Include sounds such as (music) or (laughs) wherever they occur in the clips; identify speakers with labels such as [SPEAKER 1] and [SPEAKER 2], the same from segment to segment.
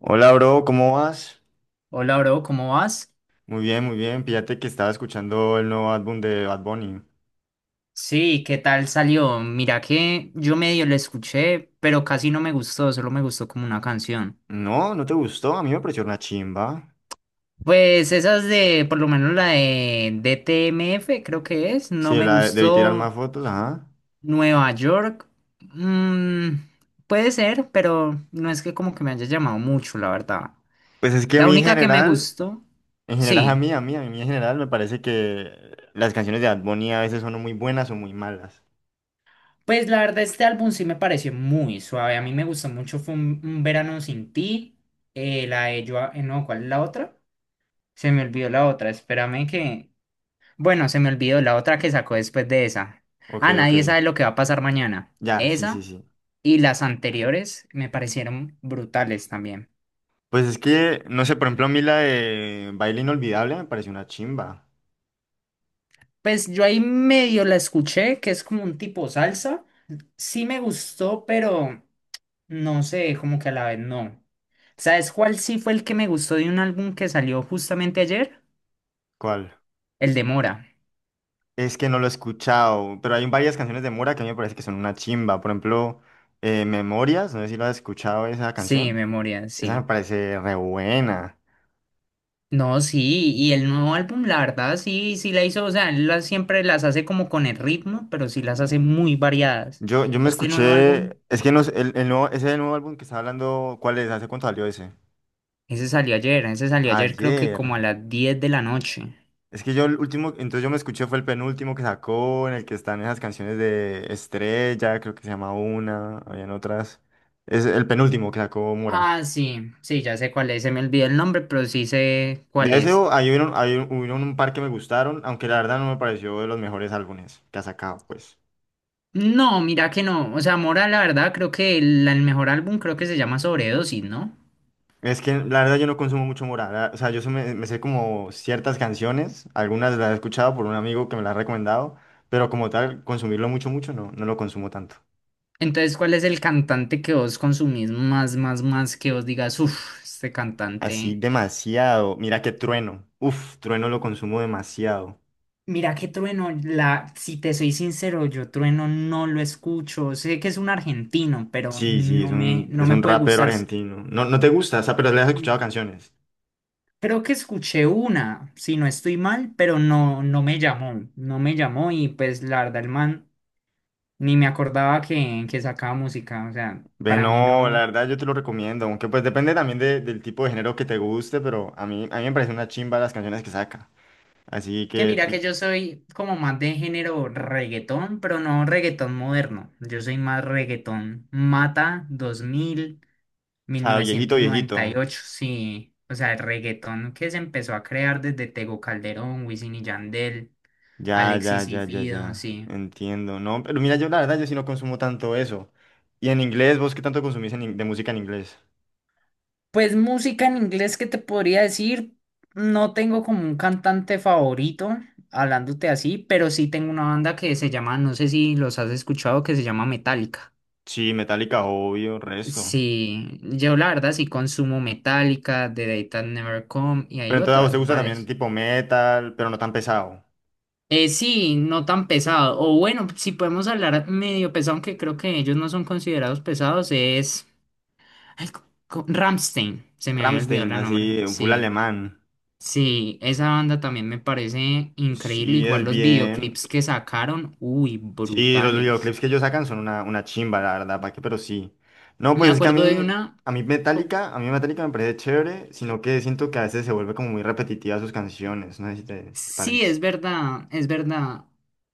[SPEAKER 1] Hola, bro, ¿cómo vas?
[SPEAKER 2] Hola, bro, ¿cómo vas?
[SPEAKER 1] Muy bien, muy bien. Fíjate que estaba escuchando el nuevo álbum de Bad Bunny.
[SPEAKER 2] Sí, ¿qué tal salió? Mira que yo medio lo escuché, pero casi no me gustó, solo me gustó como una canción.
[SPEAKER 1] No, ¿no te gustó? A mí me pareció una chimba.
[SPEAKER 2] Pues esas de, por lo menos la de DTMF, creo que es,
[SPEAKER 1] Sí,
[SPEAKER 2] no me
[SPEAKER 1] la debí tirar
[SPEAKER 2] gustó.
[SPEAKER 1] más fotos, ajá.
[SPEAKER 2] Nueva York, mm, puede ser, pero no es que como que me haya llamado mucho, la verdad.
[SPEAKER 1] Pues es que a
[SPEAKER 2] La
[SPEAKER 1] mí
[SPEAKER 2] única que me gustó,
[SPEAKER 1] en general a
[SPEAKER 2] sí.
[SPEAKER 1] mí, a mí en general me parece que las canciones de Bad Bunny a veces son o muy buenas o muy malas.
[SPEAKER 2] Pues la verdad, este álbum sí me pareció muy suave. A mí me gustó mucho. Fue un verano sin ti. La de yo. No, ¿cuál es la otra? Se me olvidó la otra. Espérame que. Bueno, se me olvidó la otra que sacó después de esa.
[SPEAKER 1] Ok,
[SPEAKER 2] Ah,
[SPEAKER 1] ok.
[SPEAKER 2] nadie sabe lo que va a pasar mañana.
[SPEAKER 1] Ya, sí, sí,
[SPEAKER 2] Esa
[SPEAKER 1] sí.
[SPEAKER 2] y las anteriores me parecieron brutales también.
[SPEAKER 1] Pues es que, no sé, por ejemplo, a mí la de Baile Inolvidable me pareció una chimba.
[SPEAKER 2] Pues yo ahí medio la escuché, que es como un tipo salsa. Sí me gustó, pero. No sé, como que a la vez no. ¿Sabes cuál sí fue el que me gustó de un álbum que salió justamente ayer?
[SPEAKER 1] ¿Cuál?
[SPEAKER 2] El de Mora.
[SPEAKER 1] Es que no lo he escuchado, pero hay varias canciones de Mora que a mí me parece que son una chimba. Por ejemplo, Memorias, no sé si lo has escuchado esa
[SPEAKER 2] Sí,
[SPEAKER 1] canción.
[SPEAKER 2] Memoria,
[SPEAKER 1] Esa me
[SPEAKER 2] sí.
[SPEAKER 1] parece re buena.
[SPEAKER 2] No, sí, y el nuevo álbum, la verdad, sí, sí la hizo, o sea, siempre las hace como con el ritmo, pero sí las hace muy variadas.
[SPEAKER 1] Yo me
[SPEAKER 2] Este nuevo álbum,
[SPEAKER 1] escuché, es que no sé, el nuevo, ese nuevo álbum que estaba hablando, ¿cuál es? ¿Hace cuánto salió ese?
[SPEAKER 2] ese salió ayer creo que
[SPEAKER 1] Ayer.
[SPEAKER 2] como a las 10 de la noche.
[SPEAKER 1] Es que yo el último, entonces yo me escuché fue el penúltimo que sacó, en el que están esas canciones de Estrella, creo que se llama una, habían otras. Es el penúltimo que sacó Mora.
[SPEAKER 2] Ah, sí, sí, ya sé cuál es, se me olvidó el nombre, pero sí sé cuál
[SPEAKER 1] De ese
[SPEAKER 2] es.
[SPEAKER 1] hay un, hubieron un par que me gustaron, aunque la verdad no me pareció de los mejores álbumes que ha sacado, pues.
[SPEAKER 2] No, mira que no. O sea, Mora, la verdad, creo que el mejor álbum creo que se llama Sobredosis, ¿no?
[SPEAKER 1] Es que la verdad yo no consumo mucho Morat, o sea, yo se me, me sé como ciertas canciones, algunas las he escuchado por un amigo que me las ha recomendado, pero como tal, consumirlo mucho, mucho, no, no lo consumo tanto.
[SPEAKER 2] Entonces, ¿cuál es el cantante que vos consumís más, más, más que vos digas, uff, este
[SPEAKER 1] Así
[SPEAKER 2] cantante.
[SPEAKER 1] demasiado, mira que Trueno, uf, Trueno lo consumo demasiado.
[SPEAKER 2] Mira que Trueno, si te soy sincero, yo Trueno no lo escucho. Sé que es un argentino, pero
[SPEAKER 1] Sí, sí,
[SPEAKER 2] no me, no
[SPEAKER 1] es
[SPEAKER 2] me
[SPEAKER 1] un
[SPEAKER 2] puede
[SPEAKER 1] rapero
[SPEAKER 2] gustar.
[SPEAKER 1] argentino. No, no te gusta, o sea, pero le has escuchado
[SPEAKER 2] Mm,
[SPEAKER 1] canciones.
[SPEAKER 2] Creo que escuché una, si no estoy mal, pero no, no me llamó. No me llamó y pues la verdad, el man. Ni me acordaba que sacaba música, o sea,
[SPEAKER 1] Ve,
[SPEAKER 2] para mí
[SPEAKER 1] no, la
[SPEAKER 2] no.
[SPEAKER 1] verdad yo te lo recomiendo, aunque pues depende también del tipo de género que te guste, pero a mí me parece una chimba las canciones que saca. Así
[SPEAKER 2] Que
[SPEAKER 1] que,
[SPEAKER 2] mira que
[SPEAKER 1] ti-
[SPEAKER 2] yo soy como más de género reggaetón, pero no reggaetón moderno. Yo soy más reggaetón Mata dos mil
[SPEAKER 1] o
[SPEAKER 2] mil
[SPEAKER 1] sea, viejito,
[SPEAKER 2] novecientos noventa y
[SPEAKER 1] viejito.
[SPEAKER 2] ocho sí. O sea, el reggaetón que se empezó a crear desde Tego Calderón, Wisin y Yandel,
[SPEAKER 1] Ya, ya,
[SPEAKER 2] Alexis y
[SPEAKER 1] ya, ya,
[SPEAKER 2] Fido,
[SPEAKER 1] ya.
[SPEAKER 2] sí.
[SPEAKER 1] Entiendo, ¿no? Pero mira, yo la verdad yo sí no consumo tanto eso. Y en inglés, ¿vos qué tanto consumís en de música en inglés?
[SPEAKER 2] Pues música en inglés, ¿qué te podría decir? No tengo como un cantante favorito, hablándote así, pero sí tengo una banda que se llama, no sé si los has escuchado, que se llama Metallica.
[SPEAKER 1] Sí, Metallica, obvio, resto.
[SPEAKER 2] Sí, yo la verdad sí consumo Metallica, The Day That Never Come y
[SPEAKER 1] Pero
[SPEAKER 2] hay
[SPEAKER 1] entonces a vos te
[SPEAKER 2] otras,
[SPEAKER 1] gusta también
[SPEAKER 2] varias.
[SPEAKER 1] tipo metal, pero no tan pesado.
[SPEAKER 2] Sí, no tan pesado. O bueno, si podemos hablar medio pesado, aunque creo que ellos no son considerados pesados, es... Ay, Rammstein, se me había olvidado
[SPEAKER 1] Rammstein,
[SPEAKER 2] la nombre,
[SPEAKER 1] así, full
[SPEAKER 2] sí.
[SPEAKER 1] alemán.
[SPEAKER 2] Sí, esa banda también me parece increíble.
[SPEAKER 1] Sí,
[SPEAKER 2] Igual
[SPEAKER 1] es
[SPEAKER 2] los
[SPEAKER 1] bien.
[SPEAKER 2] videoclips que sacaron, uy,
[SPEAKER 1] Sí, los
[SPEAKER 2] brutales.
[SPEAKER 1] videoclips que ellos sacan son una chimba, la verdad, ¿para qué? Pero sí. No,
[SPEAKER 2] Me
[SPEAKER 1] pues es que
[SPEAKER 2] acuerdo de una... co-
[SPEAKER 1] A mí Metallica me parece chévere, sino que siento que a veces se vuelve como muy repetitiva sus canciones, no sé si te, si te
[SPEAKER 2] Sí,
[SPEAKER 1] parece.
[SPEAKER 2] es verdad, es verdad.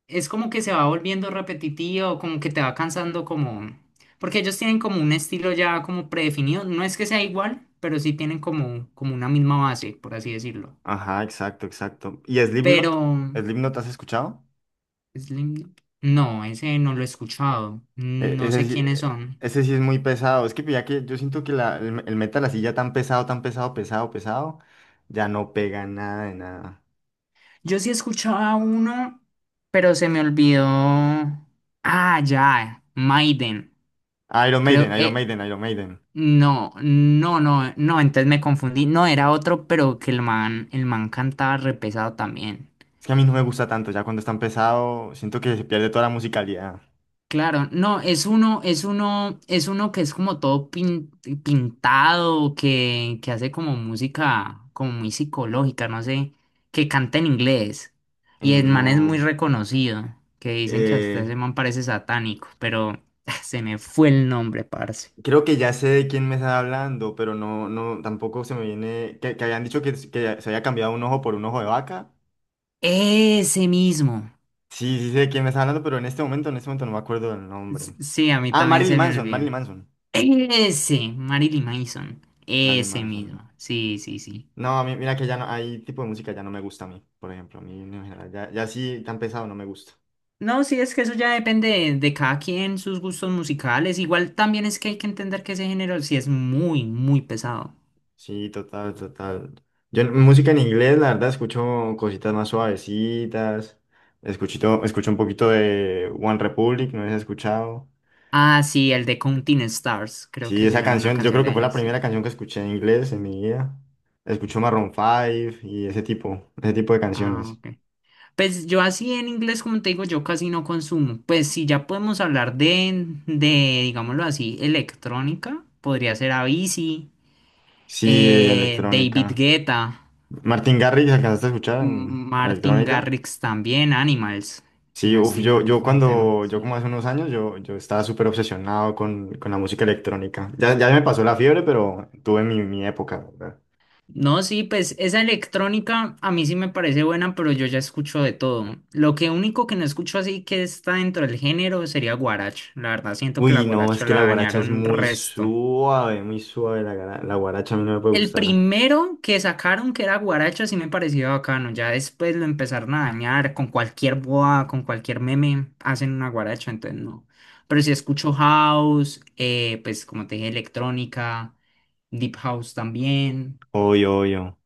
[SPEAKER 2] Es como que se va volviendo repetitivo, como que te va cansando como... Porque ellos tienen como un estilo ya como predefinido. No es que sea igual, pero sí tienen como, como una misma base, por así decirlo.
[SPEAKER 1] Ajá, exacto, exacto. ¿Y
[SPEAKER 2] Pero...
[SPEAKER 1] Slipknot? ¿Slipknot has escuchado?
[SPEAKER 2] Slim- No, ese no lo he escuchado. No
[SPEAKER 1] Ese
[SPEAKER 2] sé
[SPEAKER 1] sí,
[SPEAKER 2] quiénes son.
[SPEAKER 1] ese sí es muy pesado, es que ya que yo siento que la, el metal así ya tan pesado, pesado, pesado, ya no pega nada de nada.
[SPEAKER 2] Yo sí escuchaba uno, pero se me olvidó. Ah, ya, Maiden.
[SPEAKER 1] Iron
[SPEAKER 2] Creo,
[SPEAKER 1] Maiden, Iron Maiden, Iron Maiden.
[SPEAKER 2] no, no, no, no, entonces me confundí. No, era otro, pero que el man cantaba repesado también.
[SPEAKER 1] Es que a mí no me gusta tanto, ya cuando está pesado, siento que se pierde toda la musicalidad.
[SPEAKER 2] Claro, no, es uno que es como todo pintado, que hace como música como muy psicológica, no sé, que canta en inglés.
[SPEAKER 1] Y
[SPEAKER 2] Y el man es muy
[SPEAKER 1] no.
[SPEAKER 2] reconocido, que dicen que hasta
[SPEAKER 1] eh,
[SPEAKER 2] ese man parece satánico, pero (laughs) se me fue el nombre, parce.
[SPEAKER 1] Creo que ya sé de quién me está hablando, pero no, no, tampoco se me viene. Que habían dicho que se había cambiado un ojo por un ojo de vaca.
[SPEAKER 2] Ese mismo.
[SPEAKER 1] Sí, sí sé de quién me está hablando, pero en este momento no me acuerdo del nombre.
[SPEAKER 2] Sí, a mí
[SPEAKER 1] Ah,
[SPEAKER 2] también
[SPEAKER 1] Marilyn
[SPEAKER 2] se me
[SPEAKER 1] Manson, Marilyn
[SPEAKER 2] olvida.
[SPEAKER 1] Manson.
[SPEAKER 2] Ese, Marilyn Manson.
[SPEAKER 1] Marilyn
[SPEAKER 2] Ese
[SPEAKER 1] Manson.
[SPEAKER 2] mismo. Sí, sí, sí.
[SPEAKER 1] No, a mí, mira que ya no, hay tipo de música ya no me gusta a mí, por ejemplo. A mí en general, ya, ya sí tan pesado no me gusta.
[SPEAKER 2] No, sí, es que eso ya depende de cada quien, sus gustos musicales. Igual también es que hay que entender que ese género sí es muy, muy pesado.
[SPEAKER 1] Sí, total, total. Yo música en inglés, la verdad, escucho cositas más suavecitas. Escuchito, escucho un poquito de One Republic, no sé si has escuchado.
[SPEAKER 2] Ah, sí, el de Counting Stars, creo
[SPEAKER 1] Sí,
[SPEAKER 2] que se
[SPEAKER 1] esa
[SPEAKER 2] llama una
[SPEAKER 1] canción, yo
[SPEAKER 2] canción
[SPEAKER 1] creo que
[SPEAKER 2] de
[SPEAKER 1] fue
[SPEAKER 2] ella,
[SPEAKER 1] la primera
[SPEAKER 2] sí.
[SPEAKER 1] canción que escuché en inglés en mi vida. Escucho Maroon 5 y ese tipo de
[SPEAKER 2] Ah,
[SPEAKER 1] canciones.
[SPEAKER 2] ok. Pues yo así en inglés, como te digo, yo casi no consumo. Pues si ya podemos hablar digámoslo así, electrónica, podría ser Avicii,
[SPEAKER 1] Sí,
[SPEAKER 2] David
[SPEAKER 1] electrónica.
[SPEAKER 2] Guetta,
[SPEAKER 1] Martin Garrix, ¿alcanzaste a escuchar en
[SPEAKER 2] Martin
[SPEAKER 1] electrónica?
[SPEAKER 2] Garrix también, Animals, si
[SPEAKER 1] Sí,
[SPEAKER 2] no
[SPEAKER 1] uf,
[SPEAKER 2] estoy
[SPEAKER 1] yo,
[SPEAKER 2] mal,
[SPEAKER 1] yo
[SPEAKER 2] fue un tema,
[SPEAKER 1] cuando, yo
[SPEAKER 2] sí.
[SPEAKER 1] como hace unos años, yo estaba súper obsesionado con la música electrónica. Ya, ya me pasó la fiebre, pero tuve mi, mi época, ¿verdad?
[SPEAKER 2] No, sí, pues esa electrónica a mí sí me parece buena, pero yo ya escucho de todo. Lo que único que no escucho así que está dentro del género sería guaracha. La verdad, siento que la
[SPEAKER 1] Uy, no, es
[SPEAKER 2] guaracha
[SPEAKER 1] que
[SPEAKER 2] la
[SPEAKER 1] la guaracha es
[SPEAKER 2] dañaron resto.
[SPEAKER 1] muy suave, la, la guaracha a mí no me puede
[SPEAKER 2] El
[SPEAKER 1] gustar.
[SPEAKER 2] primero que sacaron que era guaracha sí me pareció bacano. Ya después lo empezaron a dañar con cualquier boa, con cualquier meme, hacen una guaracha, entonces no. Pero sí escucho house, pues como te dije, electrónica, deep house también.
[SPEAKER 1] Obvio, obvio.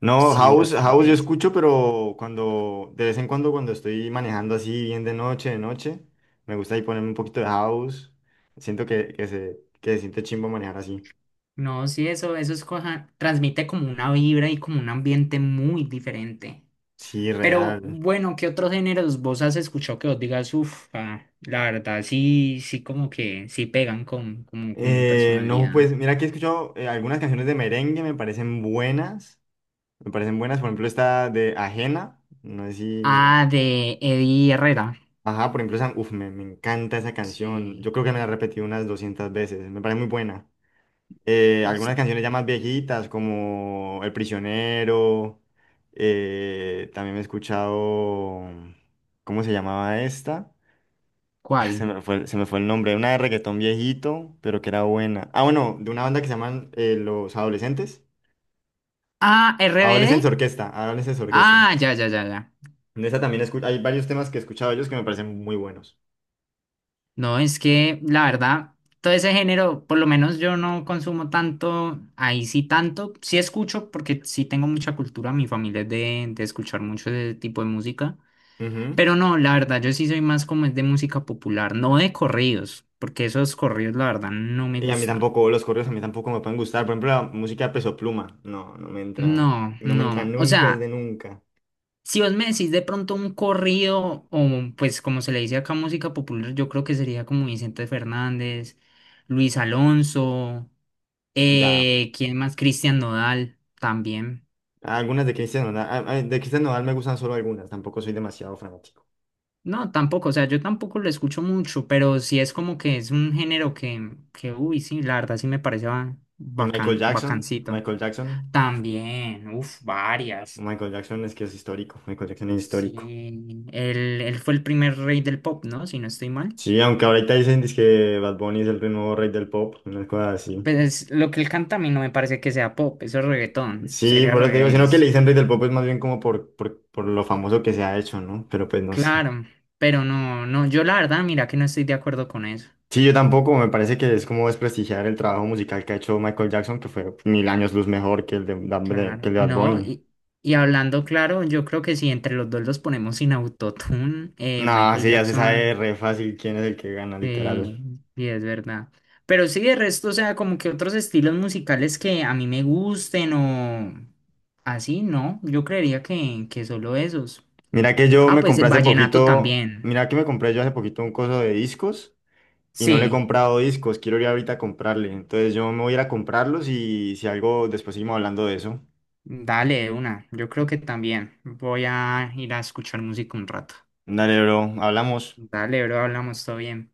[SPEAKER 1] No,
[SPEAKER 2] Sí,
[SPEAKER 1] house, house yo
[SPEAKER 2] bastante.
[SPEAKER 1] escucho, pero cuando, de vez en cuando cuando estoy manejando así bien de noche, me gusta ahí ponerme un poquito de house. Siento que se siente chimbo manejar así.
[SPEAKER 2] No, sí, eso es cosa, transmite como una vibra y como un ambiente muy diferente.
[SPEAKER 1] Sí,
[SPEAKER 2] Pero
[SPEAKER 1] real.
[SPEAKER 2] bueno, ¿qué otros géneros vos has escuchado que vos digas, uff, la verdad, sí, sí, como que sí pegan como con mi
[SPEAKER 1] No,
[SPEAKER 2] personalidad?
[SPEAKER 1] pues mira que he escuchado algunas canciones de merengue, me parecen buenas. Me parecen buenas, por ejemplo, esta de Ajena. No sé si.
[SPEAKER 2] Ah, de Eddie Herrera.
[SPEAKER 1] Ajá, por ejemplo, esa. Uf, me encanta esa canción. Yo
[SPEAKER 2] Sí.
[SPEAKER 1] creo que me la he repetido unas 200 veces. Me parece muy buena. Algunas
[SPEAKER 2] Sí,
[SPEAKER 1] canciones ya más viejitas, como El Prisionero. También me he escuchado. ¿Cómo se llamaba esta? Ah, se
[SPEAKER 2] ¿cuál?
[SPEAKER 1] me fue, se me fue el nombre, una de reggaetón viejito, pero que era buena. Ah, bueno, de una banda que se llaman Los Adolescentes.
[SPEAKER 2] Ah,
[SPEAKER 1] Adolescentes
[SPEAKER 2] RBD.
[SPEAKER 1] Orquesta, Adolescentes Orquesta.
[SPEAKER 2] Ah, ya, ya, ya, ya.
[SPEAKER 1] De esa también hay varios temas que he escuchado de ellos que me parecen muy buenos.
[SPEAKER 2] No, es que la verdad, todo ese género, por lo menos yo no consumo tanto, ahí sí tanto, sí escucho porque sí tengo mucha cultura, mi familia es de escuchar mucho ese tipo de música,
[SPEAKER 1] Ujú.
[SPEAKER 2] pero no, la verdad yo sí soy más como es de música popular, no de corridos, porque esos corridos la verdad no me
[SPEAKER 1] Y a mí
[SPEAKER 2] gustan.
[SPEAKER 1] tampoco, los correos a mí tampoco me pueden gustar. Por ejemplo, la música de Peso Pluma. No, no me entra,
[SPEAKER 2] No,
[SPEAKER 1] no me
[SPEAKER 2] no,
[SPEAKER 1] entra
[SPEAKER 2] o
[SPEAKER 1] nunca, es de
[SPEAKER 2] sea...
[SPEAKER 1] nunca.
[SPEAKER 2] Si vos me decís de pronto un corrido, o pues como se le dice acá música popular, yo creo que sería como Vicente Fernández, Luis Alonso,
[SPEAKER 1] Ya,
[SPEAKER 2] ¿quién más? Cristian Nodal también.
[SPEAKER 1] algunas de Cristian Nodal, ah, ah, de Cristian Nodal me gustan solo algunas, tampoco soy demasiado fanático.
[SPEAKER 2] No, tampoco, o sea, yo tampoco lo escucho mucho, pero sí es como que es un género que uy, sí, la verdad sí me parece
[SPEAKER 1] Y Michael
[SPEAKER 2] bacan,
[SPEAKER 1] Jackson,
[SPEAKER 2] bacancito.
[SPEAKER 1] Michael Jackson.
[SPEAKER 2] También, uff, varias.
[SPEAKER 1] Michael Jackson es que es histórico. Michael Jackson es histórico.
[SPEAKER 2] Sí, él fue el primer rey del pop, ¿no? Si no estoy mal.
[SPEAKER 1] Sí, aunque ahorita dicen que Bad Bunny es el nuevo rey del pop, una cosa así.
[SPEAKER 2] Pues lo que él canta a mí no me parece que sea pop, eso es reggaetón,
[SPEAKER 1] Sí,
[SPEAKER 2] sería al
[SPEAKER 1] por eso te digo, sino que le
[SPEAKER 2] revés.
[SPEAKER 1] dicen rey del pop es más bien como por lo famoso que se ha hecho, ¿no? Pero pues no sé.
[SPEAKER 2] Claro, pero no, no, yo la verdad, mira que no estoy de acuerdo con eso.
[SPEAKER 1] Sí, yo tampoco, me parece que es como desprestigiar el trabajo musical que ha hecho Michael Jackson, que fue mil años luz mejor que el de, que
[SPEAKER 2] Claro,
[SPEAKER 1] el de Bad
[SPEAKER 2] no,
[SPEAKER 1] Bunny.
[SPEAKER 2] y hablando claro, yo creo que si entre los dos los ponemos sin autotune,
[SPEAKER 1] No,
[SPEAKER 2] Michael
[SPEAKER 1] sí, ya se sabe
[SPEAKER 2] Jackson,
[SPEAKER 1] re fácil quién es el que gana, literal.
[SPEAKER 2] eh, sí es verdad. Pero sí, de resto, o sea, como que otros estilos musicales que a mí me gusten o así, no, yo creería que solo esos.
[SPEAKER 1] Mira que yo
[SPEAKER 2] Ah,
[SPEAKER 1] me
[SPEAKER 2] pues el
[SPEAKER 1] compré hace
[SPEAKER 2] vallenato
[SPEAKER 1] poquito,
[SPEAKER 2] también,
[SPEAKER 1] mira que me compré yo hace poquito un coso de discos. Y no le he
[SPEAKER 2] sí.
[SPEAKER 1] comprado discos, quiero ir ahorita a comprarle. Entonces yo me voy a ir a comprarlos y si algo, después seguimos hablando de eso.
[SPEAKER 2] Dale, de una. Yo creo que también voy a ir a escuchar música un rato.
[SPEAKER 1] Dale, bro, hablamos.
[SPEAKER 2] Dale, bro, hablamos todo bien.